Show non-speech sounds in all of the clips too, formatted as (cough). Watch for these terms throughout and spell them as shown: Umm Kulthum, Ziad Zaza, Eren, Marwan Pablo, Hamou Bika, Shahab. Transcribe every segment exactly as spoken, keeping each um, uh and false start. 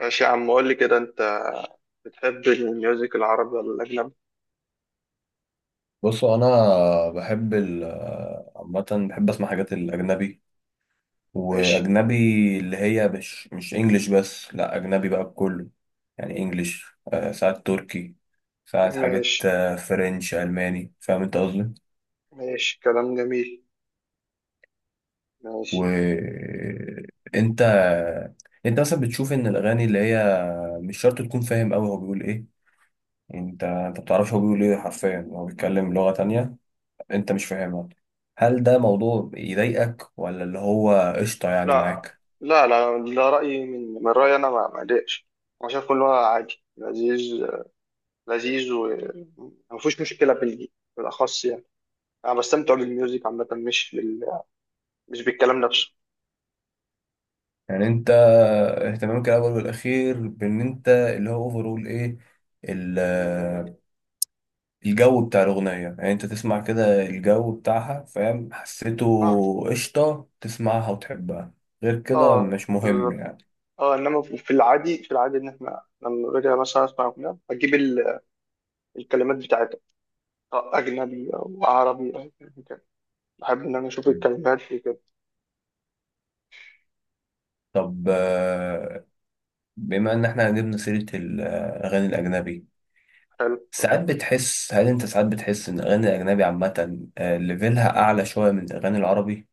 ماشي يا عم، قول لي كده، انت بتحب الميوزك العربي ولا الاجنبي؟ بصوا، انا بحب ال عامه بحب اسمع حاجات الاجنبي ماشي. واجنبي اللي هي مش مش انجليش، بس لا اجنبي بقى بكله، يعني انجليش. آه، ساعات تركي، ساعات حاجات، ماشي. آه، فرنش، الماني. فاهم انت قصدي؟ ماشي، كلام جميل. ماشي. وانت، انت مثلا بتشوف ان الاغاني اللي هي مش شرط تكون فاهم قوي هو بيقول ايه، يعني انت انت بتعرفش هو بيقول ايه حرفيا؟ هو بيتكلم لغة تانية انت مش فاهمها. هل ده موضوع يضايقك ولا اللي هو قشطة يعني لا. معاك؟ لا، لا، ده رأيي. من من رأيي انا ما ما اضايقش. انا شايف كله عادي. لذيذ. لذيذ، وما فيهوش مشكلة بال- بالاخص يعني. انا بستمتع بالميوزك عامة، مش بال... مش بالكلام نفسه. يعني انت اهتمامك الاول والاخير بان انت اللي هو اوفرول ايه ال- الجو بتاع الاغنية، يعني انت تسمع كده الجو بتاعها، فاهم، حسيته، اه. قشطة، تسمعها وتحبها، غير كده اه، مش مهم بالظبط. يعني. اه، انما في العادي، في العادي ان احنا لما باجي مثلا اسمع اغنيه، اجيب ال- الكلمات بتاعتها، أجنبي أو عربي أو يعني كده، بحب إن أنا أشوف مم. الكلمات دي كده. طب، آه، بما ان احنا جبنا سيرة الاغاني الاجنبي، حلو. ساعات بتحس، هل انت ساعات بتحس ان الاغاني الاجنبي عامه، آه، ليفلها اعلى شويه من الاغاني العربي؟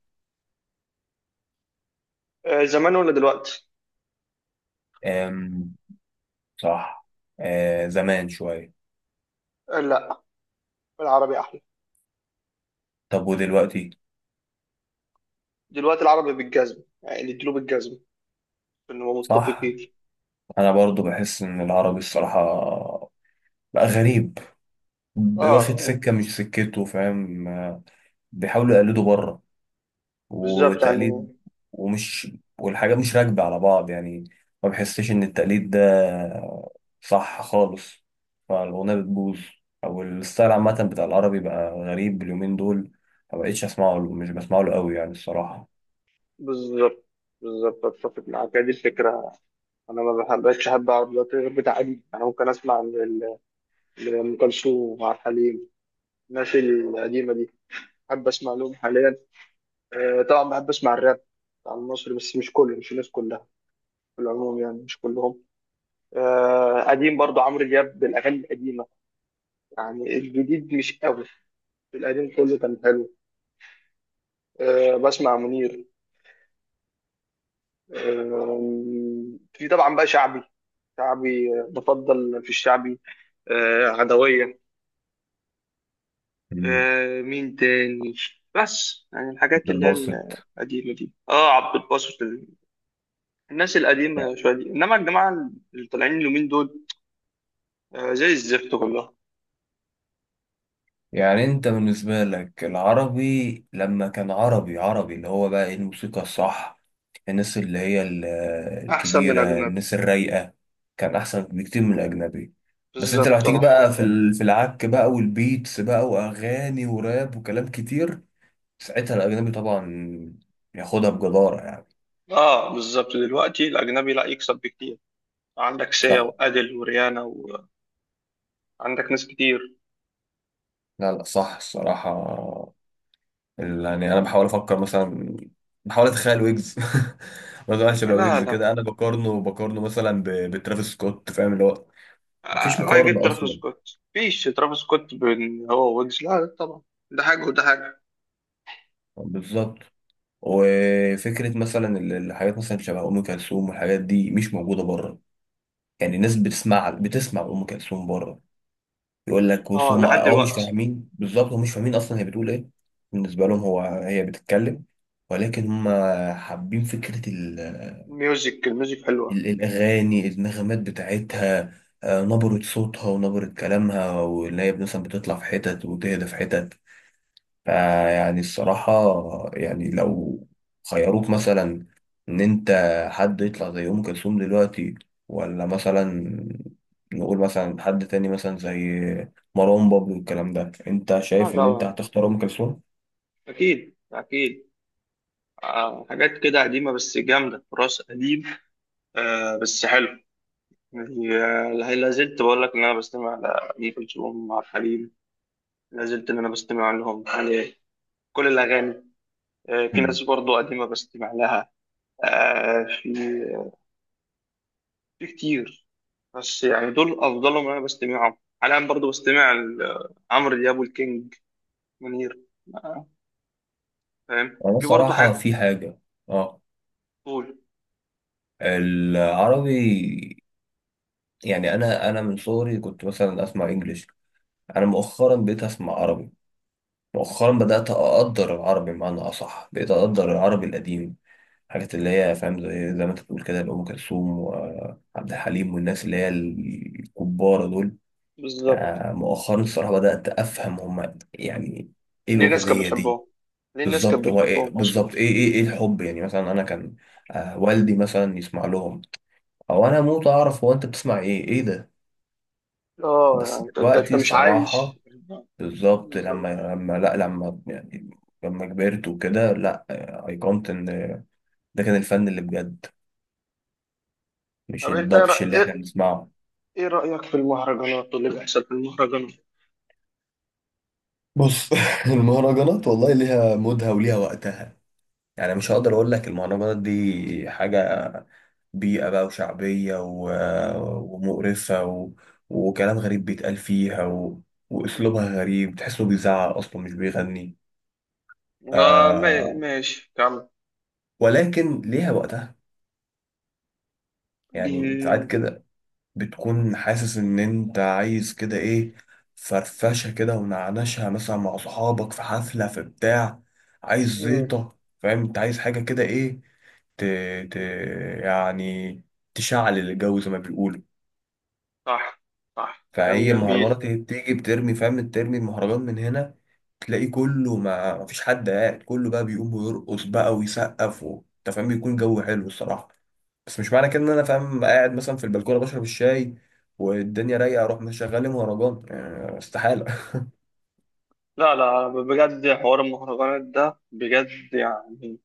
آه، زمان ولا دلوقتي؟ آم، صح. آه، زمان شويه. آه، لا. العربي أحلى. طب ودلوقتي؟ دلوقتي العربي بالجزم، يعني نديله بالجزم إن هو صح، متفقين. انا برضو بحس ان العربي الصراحه بقى غريب، واخد آه يعني. سكه مش سكته، فاهم؟ آه، بيحاولوا يقلدوا بره، بالظبط وتقليد، يعني. ومش والحاجات مش راكبة على بعض يعني، ما بحسش إن التقليد ده صح خالص، فالأغنية بتبوظ، أو الستايل عامة بتاع العربي بقى غريب اليومين دول، ما بقتش أسمعه، مش بسمعه له قوي يعني الصراحة. بالظبط. بالظبط، أتفق معاك، هي دي الفكرة. أنا ما بحبش أحب عربي دلوقتي غير بتعليم. أنا ممكن أسمع ل- ل- لأم كلثوم وعبد الحليم، الناس القديمة دي. بحب أسمع لهم حاليا. آه، طبعا بحب أسمع الراب بتاع المصري، بس مش كله، مش الناس كلها، في العموم، يعني مش كلهم. آه، قديم برضو عمرو دياب، بالاغاني القديمه. يعني الجديد مش قوي، القديم كله كان حلو. آه، بسمع منير. آه. في طبعا بقى شعبي. شعبي، آه، بفضل في الشعبي. آه، عدويه. مم. آه، مين تاني؟ بس يعني عبد الحاجات اللي هي الباسط. القديمه دي. اه، عبد الباسط، ال- الناس القديمه شويه دي. انما الجماعه اللي طالعين اليومين دول، آه، زي الزفت كلها. يعني أنت بالنسبة لك العربي لما كان عربي عربي اللي هو بقى إيه الموسيقى الصح، الناس اللي هي ال- احسن من الكبيرة، اجنبي. الناس الرايقة، كان أحسن بكتير من الأجنبي. بس أنت لو بالظبط، هتيجي اه. بقى في ال- في العك بقى والبيتس بقى وأغاني وراب وكلام كتير، ساعتها الأجنبي طبعا ياخدها بجدارة يعني. اه، بالظبط، دلوقتي الاجنبي لا يكسب بكتير. عندك سيا صح. وادل وريانا، وعندك ناس كتير. لا لا، صح الصراحة. ال-، يعني أنا بحاول أفكر مثلا، بحاول أتخيل ويجز، (laughs) مثلا شبه لا، ويجز لا. كده أنا بقارنه بقارنه مثلا ب- بترافيس سكوت، فاهم اللي هو مفيش آه، راح جبت مقارنة ترافيس أصلا. سكوت؟ فيش ترافيس سكوت بين هو ويجز. لا، لا، طبعا. ده حاجه وده حاجه. بالظبط. وفكره مثلا ال- الحاجات مثلا شبه ام كلثوم والحاجات دي مش موجوده بره، يعني الناس بتسمع، بتسمع ام كلثوم بره، يقول لك بص، اه، هم لحد اه مش دلوقتي. فاهمين بالظبط، هم مش فاهمين اصلا هي بتقول ايه، بالنسبه لهم هو هي بتتكلم، ولكن هم حابين فكره ال الميوزك الميوزك حلوه. ال- الأغاني، النغمات بتاعتها، آه، نبرة صوتها ونبرة كلامها واللي هي مثلا بتطلع في حتت وتهدى في حتت. فيعني الصراحة، يعني لو خيروك مثلا إن أنت حد يطلع زي أم كلثوم دلوقتي، ولا مثلا نقول مثلا حد تاني مثلا زي مروان بابلو والكلام ده، أنت اه، شايف إن أنت طبعا. هتختار أم كلثوم؟ اكيد، اكيد. آه، حاجات كده قديمه بس جامده، تراث قديم، آه بس حلو، يعني. آه، لا زلت بقول لك ان انا بستمع لأم كلثوم وعبد الحليم. لا زلت ان انا بستمع لهم يعني، كل الاغاني. آه، في ناس مم. برضو قديمة بستمع لها. آه، في في كتير. بس يعني دول أفضلهم، أنا بستمعهم حاليا. برضو بستمع ل- عمرو دياب والكينج منير. آه. فاهم. أنا في برضو الصراحة حاجة. في حاجة. أه، قول. العربي، يعني أنا أنا من صغري كنت مثلا أسمع إنجليش، أنا مؤخرا بقيت أسمع عربي، مؤخرا بدأت أقدر العربي، بمعنى أصح بقيت أقدر العربي القديم، حاجات اللي هي فاهم زي، زي ما انت بتقول كده، لأم كلثوم وعبد الحليم والناس اللي هي الكبار دول. بالظبط. آه، مؤخرا الصراحة بدأت أفهم هما يعني إيه ليه الناس كانت الأغنية دي. بتحبهم؟ ليه الناس بالظبط، كانت هو إيه بتحبهم أصلا؟ بالظبط، إيه إيه إيه الحب، يعني مثلا أنا كان، آه، والدي مثلا يسمع لهم، أو أنا موت أعرف هو أنت بتسمع إيه، إيه ده. اه يعني، بس أنت أنت أنت دلوقتي مش الصراحة عايش. بالظبط، لما بالظبط. لما لا، لما يعني لما كبرت وكده، لا، آه، أيقنت إن ده كان الفن اللي بجد، مش طب أنت إيه الدبش رأ- اللي إحنا إيه- بنسمعه. إيه رأيك في المهرجانات واللي بيحصل في المهرجانات؟ بص، (laughs) المهرجانات والله ليها مودها وليها وقتها، يعني مش هقدر اقول لك المهرجانات دي حاجة بيئة بقى وشعبية و... ومقرفة و... وكلام غريب بيتقال فيها و... واسلوبها غريب، تحسه بيزعق اصلا مش بيغني. آه، ما- آه... ماشي، كمل. ولكن ليها وقتها، يعني ساعات مم. كده بتكون حاسس ان انت عايز كده ايه، فرفشه كده ونعنشها مثلا مع صحابك في حفله في بتاع، عايز مم. زيطه، فاهم، انت عايز حاجه كده ايه، ت... ت... يعني تشعل الجو زي ما بيقولوا. صح. صح، كلام فهي جميل. مهرجانات، هي بتيجي بترمي، فاهم، ترمي المهرجان من هنا، تلاقي كله ما مفيش حد قاعد، كله بقى بيقوم ويرقص بقى ويسقف و... انت فاهم، بيكون جو حلو الصراحه. بس مش معنى كده ان انا فاهم قاعد مثلا في البلكونه بشرب الشاي والدنيا رايقه اروح مشغل لي مهرجان، آه، استحاله. لا، لا، بجد، حوار المهرجانات ده بجد، يعني.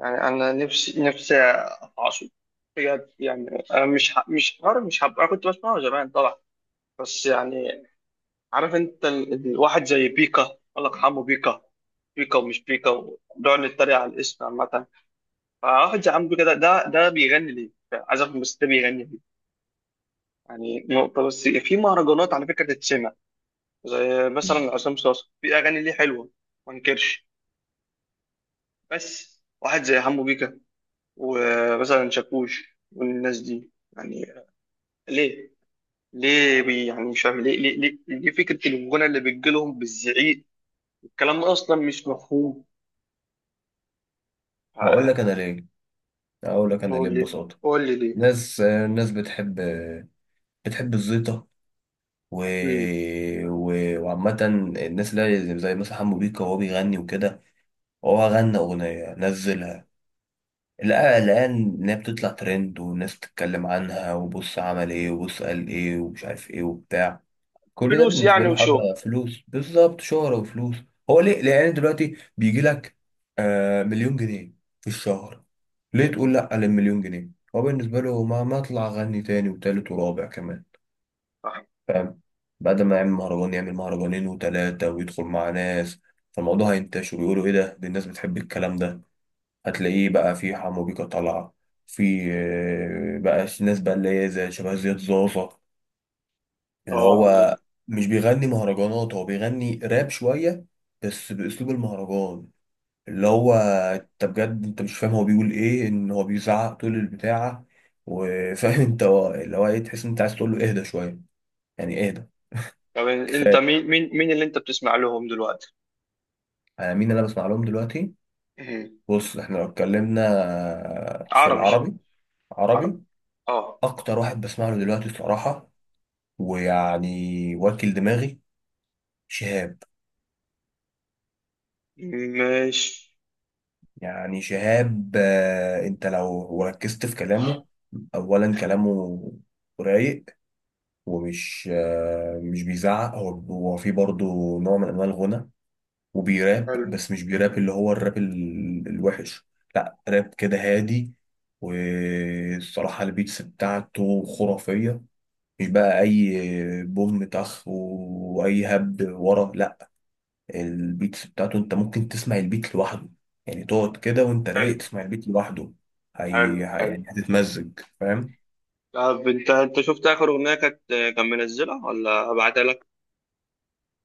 يعني انا نفسي، نفسي اعصب بجد، يعني. انا مش ه- مش حوار، مش هبقى. أنا كنت بسمعه زمان طبعا، بس يعني. عارف انت ال... ال- الواحد زي بيكا، الله يرحمه، بيكا. بيكا ومش بيكا، ونقعد نتريق على الاسم عامة. فواحد زي عم بيكا، ده ده ده بيغني ليه؟ عايز افهم، بس ده بيغني ليه؟ يعني نقطة، بس في مهرجانات على فكرة تتسمع، زي (laughs) مثلا مم. عصام صاصا، في اغاني ليه حلوه، ما انكرش. بس واحد زي حمو بيكا، ومثلا شاكوش والناس دي، يعني ليه؟ ليه بي يعني مش فاهم ليه، ليه ليه, ليه فكره الغنى اللي بتجيلهم بالزعيق؟ الكلام ده اصلا مش مفهوم. هقول آه. لك انا ليه، هقول لك انا ليه قول لي. ببساطه. قول لي ليه. ناس الناس بتحب، بتحب الزيطه و... مم. و... وعامه، الناس اللي هي زي، زي مثلا حمو بيكا وهو بيغني وكده، هو غنى اغنيه نزلها، لقى الان ان هي بتطلع ترند والناس بتتكلم عنها، وبص عمل ايه وبص قال ايه ومش عارف ايه وبتاع، كل ده فلوس بالنسبه يعني، له وشو. حاجه فلوس، بالظبط شهره وفلوس. هو ليه؟ لان دلوقتي بيجي لك، آه، مليون جنيه في الشهر، ليه مم. تقول لا للمليون جنيه؟ هو بالنسبه له ما ما اطلع اغني تاني وتالت ورابع كمان، صح. فاهم، بعد ما يعمل مهرجان يعمل مهرجانين وتلاته ويدخل مع ناس، فالموضوع هينتشر ويقولوا ايه ده، دي الناس بتحب الكلام ده. هتلاقيه بقى في حمو بيكا طالعه، في آه، بقى ناس بقى اللي هي زي شبه زياد زازا، اللي اه، هو مش بيغني مهرجانات، هو بيغني راب شوية بس بأسلوب المهرجان، اللي هو انت بجد انت مش فاهم هو بيقول ايه، ان هو بيزعق طول البتاعة، وفاهم (laughs) انت هو- اللي هو ايه، تحس ان انت عايز تقول له اهدى شوية، يعني اهدى طب انت كفاية. مين مين مين اللي انت بتسمع لهم دلوقتي؟ انا مين اللي انا بسمع لهم دلوقتي؟ مم. بص، احنا لو اتكلمنا في عربي. العربي، عربي، عربي. اه. اكتر واحد بسمع له دلوقتي الصراحة ويعني واكل دماغي، شهاب. ماشي. يعني شهاب، آه، انت لو ركزت في كلامه، اولا كلامه رايق ومش، آه، مش بيزعق، هو هو في برضه نوع من انواع الغنى وبيراب، حلو، بس مش بيراب اللي هو الراب ال- الوحش، لا راب كده هادي. والصراحة البيتس بتاعته خرافية، مش بقى اي بوم طخ واي هبد ورا، لا، البيتس بتاعته انت ممكن تسمع البيت لوحده، يعني تقعد كده وانت حلو، رايق تسمع البيت لوحده، حلو، هي ه- حلو. يعني هتتمزج، فاهم. طب انت انت شفت اخر اغنيه، كانت كان منزلها؟ ولا ابعتها لك؟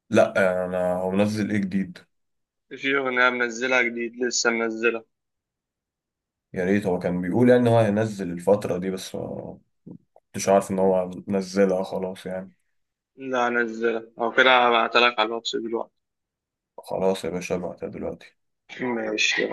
لا انا، هو منزل ايه جديد؟ في اغنيه منزلها جديد، لسه منزلها؟ يا ريت، هو كان بيقول يعني ان هو هينزل الفترة دي بس ما كنتش عارف ان هو نزلها خلاص يعني. لا، نزلها او كده، هبعتها لك على الواتس دلوقتي. خلاص يا باشا، ابعتها دلوقتي. ماشي.